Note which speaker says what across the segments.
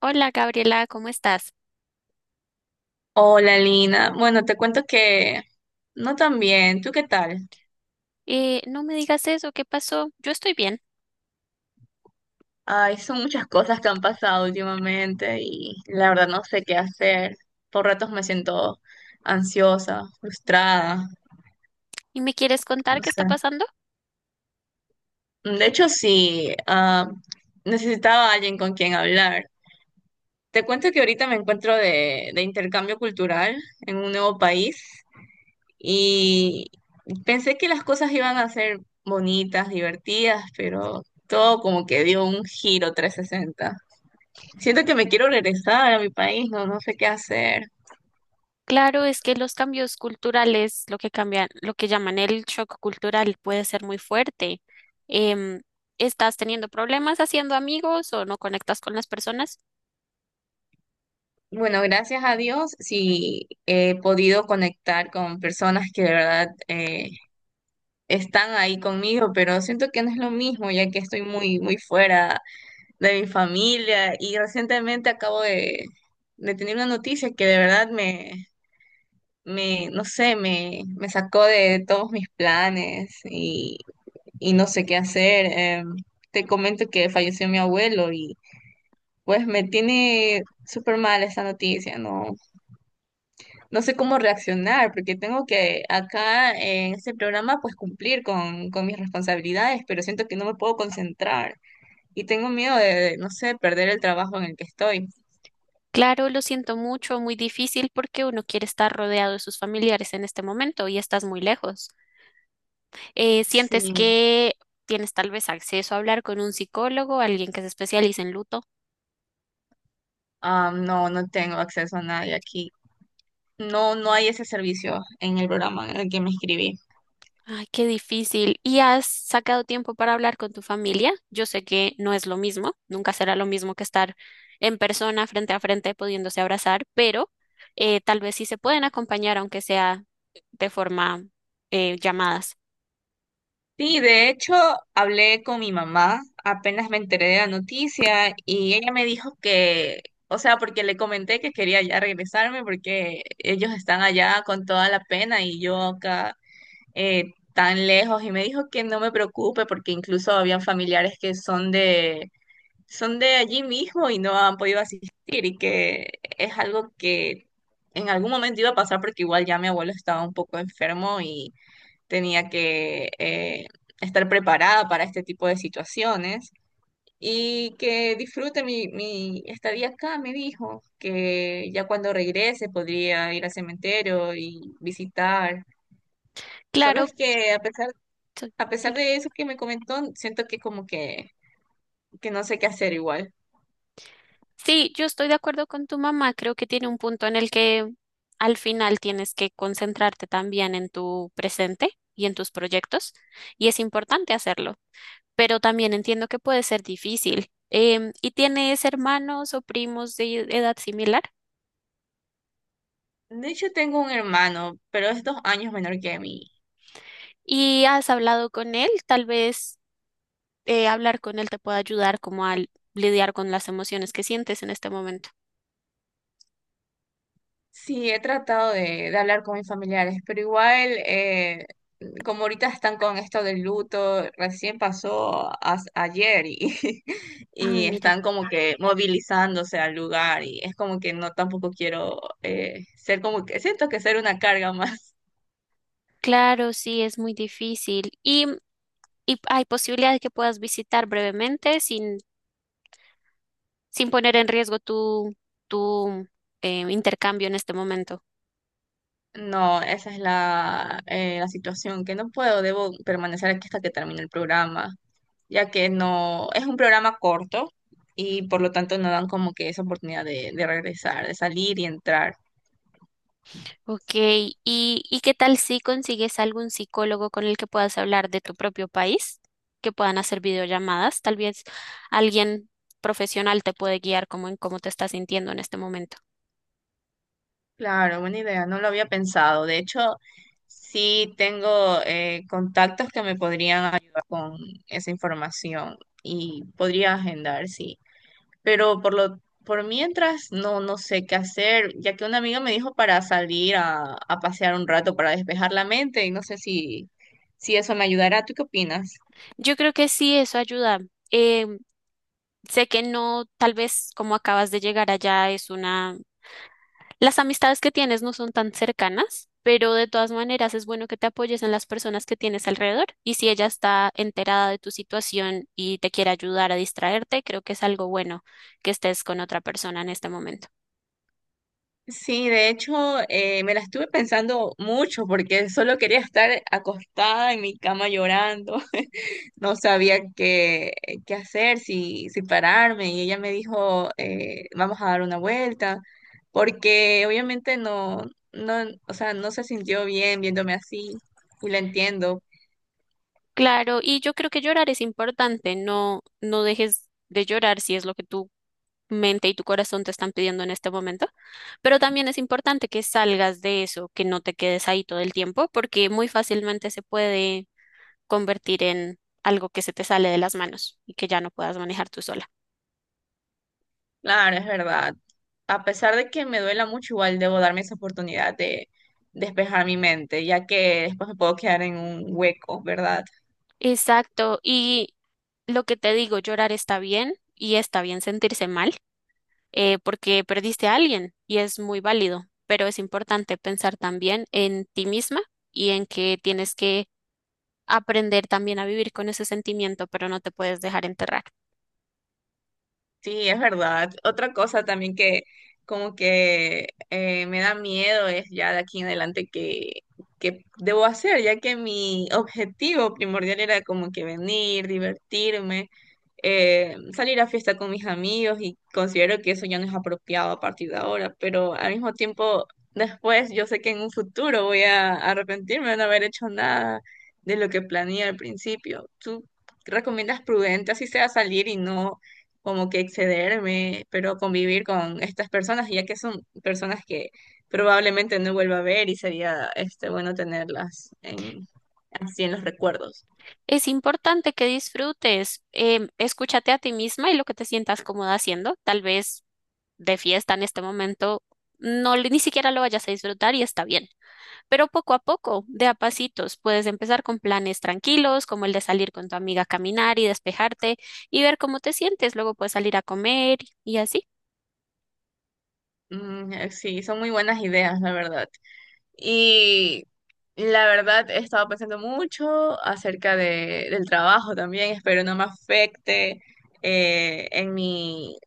Speaker 1: Hola Gabriela, ¿cómo estás?
Speaker 2: Hola Lina, bueno, te cuento que no tan bien, ¿tú qué tal?
Speaker 1: No me digas eso, ¿qué pasó? Yo estoy bien.
Speaker 2: Ay, son muchas cosas que han pasado últimamente y la verdad no sé qué hacer. Por ratos me siento ansiosa, frustrada,
Speaker 1: ¿Y me quieres
Speaker 2: no
Speaker 1: contar qué está
Speaker 2: sé.
Speaker 1: pasando?
Speaker 2: De hecho, sí, necesitaba a alguien con quien hablar. Te cuento que ahorita me encuentro de intercambio cultural en un nuevo país y pensé que las cosas iban a ser bonitas, divertidas, pero todo como que dio un giro 360. Siento que me quiero regresar a mi país, no, no sé qué hacer.
Speaker 1: Claro, es que los cambios culturales, lo que cambian, lo que llaman el shock cultural, puede ser muy fuerte. Em, ¿Estás teniendo problemas haciendo amigos o no conectas con las personas?
Speaker 2: Bueno, gracias a Dios sí he podido conectar con personas que de verdad están ahí conmigo, pero siento que no es lo mismo ya que estoy muy, muy fuera de mi familia y recientemente acabo de tener una noticia que de verdad me, me, no sé, me sacó de todos mis planes y no sé qué hacer. Te comento que falleció mi abuelo y pues me tiene súper mal esta noticia, no, no sé cómo reaccionar porque tengo que acá en este programa pues cumplir con mis responsabilidades, pero siento que no me puedo concentrar y tengo miedo no sé, perder el trabajo en el que estoy.
Speaker 1: Claro, lo siento mucho, muy difícil porque uno quiere estar rodeado de sus familiares en este momento y estás muy lejos. ¿Sientes
Speaker 2: Sí.
Speaker 1: que tienes tal vez acceso a hablar con un psicólogo, alguien que se especialice en luto?
Speaker 2: Ah, no, no tengo acceso a nadie aquí. No, no hay ese servicio en el programa en el que me inscribí.
Speaker 1: Ay, qué difícil. ¿Y has sacado tiempo para hablar con tu familia? Yo sé que no es lo mismo, nunca será lo mismo que estar en persona, frente a frente, pudiéndose abrazar, pero tal vez sí se pueden acompañar, aunque sea de forma llamadas.
Speaker 2: Sí, de hecho, hablé con mi mamá, apenas me enteré de la noticia y ella me dijo que, o sea, porque le comenté que quería ya regresarme porque ellos están allá con toda la pena y yo acá eh, tan lejos y me dijo que no me preocupe porque incluso habían familiares que son de allí mismo y no han podido asistir y que es algo que en algún momento iba a pasar porque igual ya mi abuelo estaba un poco enfermo y tenía que estar preparada para este tipo de situaciones. Y que disfrute mi estadía acá, me dijo, que ya cuando regrese podría ir al cementerio y visitar. Solo
Speaker 1: Claro.
Speaker 2: es que a pesar de eso que me comentó, siento que como que no sé qué hacer igual.
Speaker 1: Sí, yo estoy de acuerdo con tu mamá. Creo que tiene un punto en el que al final tienes que concentrarte también en tu presente y en tus proyectos, y es importante hacerlo, pero también entiendo que puede ser difícil. ¿Y tienes hermanos o primos de edad similar?
Speaker 2: De hecho, tengo un hermano, pero es dos años menor que mí.
Speaker 1: ¿Y has hablado con él? Tal vez hablar con él te pueda ayudar como a lidiar con las emociones que sientes en este momento.
Speaker 2: Sí, he tratado de hablar con mis familiares, pero igual, como ahorita están con esto del luto, recién pasó ayer y,
Speaker 1: Ay,
Speaker 2: y
Speaker 1: mira,
Speaker 2: están como que movilizándose al lugar y es como que no tampoco quiero ser como que, siento que ser una carga más.
Speaker 1: claro, sí, es muy difícil. Y hay posibilidad de que puedas visitar brevemente sin poner en riesgo tu intercambio en este momento.
Speaker 2: No, esa es la, la situación, que no puedo, debo permanecer aquí hasta que termine el programa, ya que no es un programa corto y por lo tanto no dan como que esa oportunidad de regresar, de salir y entrar.
Speaker 1: Ok, ¿Y, y qué tal si consigues algún psicólogo con el que puedas hablar de tu propio país, que puedan hacer videollamadas? Tal vez alguien profesional te puede guiar como en cómo te estás sintiendo en este momento.
Speaker 2: Claro, buena idea, no lo había pensado. De hecho, sí tengo contactos que me podrían ayudar con esa información y podría agendar, sí. Pero por lo, por mientras no, no sé qué hacer, ya que una amiga me dijo para salir a pasear un rato para despejar la mente y no sé si, si eso me ayudará. ¿Tú qué opinas?
Speaker 1: Yo creo que sí, eso ayuda. Em, sé que no, tal vez como acabas de llegar allá es una. Las amistades que tienes no son tan cercanas, pero de todas maneras es bueno que te apoyes en las personas que tienes alrededor y si ella está enterada de tu situación y te quiere ayudar a distraerte, creo que es algo bueno que estés con otra persona en este momento.
Speaker 2: Sí, de hecho, me la estuve pensando mucho porque solo quería estar acostada en mi cama llorando. No sabía qué, qué hacer, si, si pararme. Y ella me dijo, vamos a dar una vuelta, porque obviamente no, no, o sea, no se sintió bien viéndome así. Y la entiendo.
Speaker 1: Claro, y yo creo que llorar es importante, no dejes de llorar si es lo que tu mente y tu corazón te están pidiendo en este momento. Pero también es importante que salgas de eso, que no te quedes ahí todo el tiempo, porque muy fácilmente se puede convertir en algo que se te sale de las manos y que ya no puedas manejar tú sola.
Speaker 2: Claro, es verdad. A pesar de que me duela mucho, igual debo darme esa oportunidad de despejar mi mente, ya que después me puedo quedar en un hueco, ¿verdad?
Speaker 1: Exacto. Y lo que te digo, llorar está bien y está bien sentirse mal, porque perdiste a alguien y es muy válido, pero es importante pensar también en ti misma y en que tienes que aprender también a vivir con ese sentimiento, pero no te puedes dejar enterrar.
Speaker 2: Sí, es verdad. Otra cosa también que como que me da miedo es ya de aquí en adelante que debo hacer, ya que mi objetivo primordial era como que venir, divertirme, salir a fiesta con mis amigos y considero que eso ya no es apropiado a partir de ahora, pero al mismo tiempo después yo sé que en un futuro voy a arrepentirme de no haber hecho nada de lo que planeé al principio. ¿Tú recomiendas prudente así sea salir y no como que excederme, pero convivir con estas personas, ya que son personas que probablemente no vuelva a ver y sería este bueno tenerlas en, así en los recuerdos?
Speaker 1: Es importante que disfrutes, escúchate a ti misma y lo que te sientas cómoda haciendo. Tal vez de fiesta en este momento ni siquiera lo vayas a disfrutar y está bien. Pero poco a poco, de a pasitos, puedes empezar con planes tranquilos, como el de salir con tu amiga a caminar y despejarte y ver cómo te sientes. Luego puedes salir a comer y así.
Speaker 2: Mm, sí, son muy buenas ideas, la verdad. Y la verdad he estado pensando mucho acerca de, del trabajo también. Espero no me afecte eh, en mi,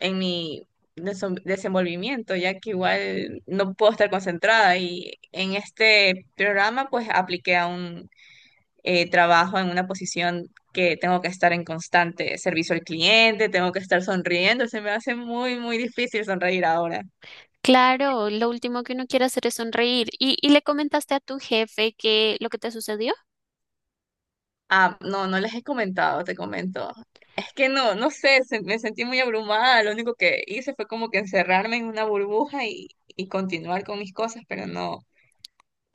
Speaker 2: en mi desenvolvimiento, ya que igual no puedo estar concentrada. Y en este programa pues apliqué a un trabajo en una posición que tengo que estar en constante servicio al cliente, tengo que estar sonriendo. Se me hace muy, muy difícil sonreír ahora.
Speaker 1: Claro, lo último que uno quiere hacer es sonreír. Y le comentaste a tu jefe que lo que te sucedió?
Speaker 2: Ah, no, no les he comentado, te comento. Es que no, no sé, me sentí muy abrumada. Lo único que hice fue como que encerrarme en una burbuja y continuar con mis cosas, pero no,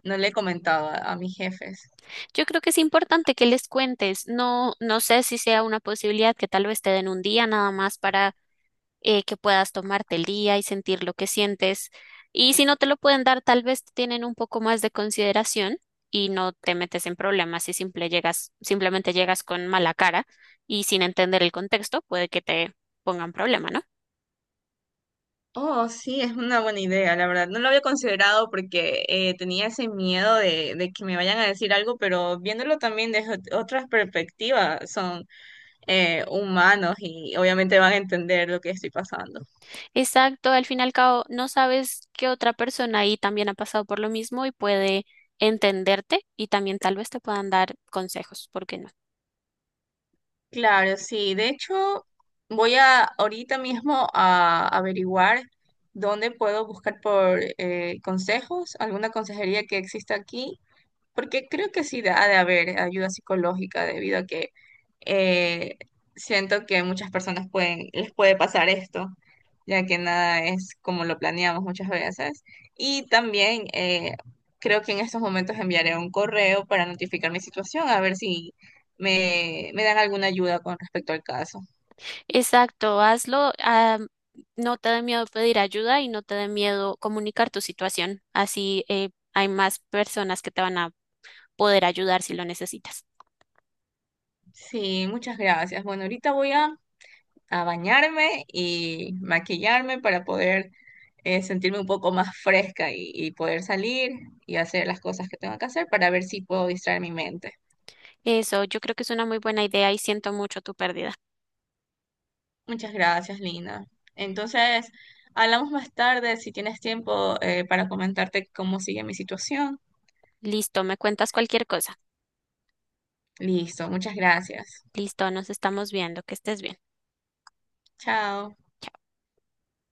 Speaker 2: no le he comentado a mis jefes.
Speaker 1: Yo creo que es importante que les cuentes. No sé si sea una posibilidad que tal vez te den un día nada más para que puedas tomarte el día y sentir lo que sientes. Y si no te lo pueden dar, tal vez te tienen un poco más de consideración y no te metes en problemas si simplemente llegas con mala cara y sin entender el contexto, puede que te pongan problema, ¿no?
Speaker 2: Oh, sí, es una buena idea, la verdad. No lo había considerado porque tenía ese miedo de que me vayan a decir algo, pero viéndolo también desde otras perspectivas, son humanos y obviamente van a entender lo que estoy pasando.
Speaker 1: Exacto, al fin y al cabo no sabes que otra persona ahí también ha pasado por lo mismo y puede entenderte y también tal vez te puedan dar consejos, ¿por qué no?
Speaker 2: Claro, sí. De hecho, voy a ahorita mismo a averiguar dónde puedo buscar por consejos, alguna consejería que exista aquí porque creo que sí ha de haber ayuda psicológica debido a que eh, siento que muchas personas pueden, les puede pasar esto, ya que nada es como lo planeamos muchas veces. Y también creo que en estos momentos enviaré un correo para notificar mi situación, a ver si me, me dan alguna ayuda con respecto al caso.
Speaker 1: Exacto, hazlo, no te dé miedo pedir ayuda y no te dé miedo comunicar tu situación, así hay más personas que te van a poder ayudar si lo necesitas.
Speaker 2: Sí, muchas gracias. Bueno, ahorita voy a bañarme y maquillarme para poder sentirme un poco más fresca y poder salir y hacer las cosas que tengo que hacer para ver si puedo distraer mi mente.
Speaker 1: Eso, yo creo que es una muy buena idea y siento mucho tu pérdida.
Speaker 2: Muchas gracias, Lina. Entonces, hablamos más tarde si tienes tiempo para comentarte cómo sigue mi situación.
Speaker 1: Listo, me cuentas cualquier cosa.
Speaker 2: Listo, muchas gracias.
Speaker 1: Listo, nos estamos viendo, que estés bien.
Speaker 2: Chao.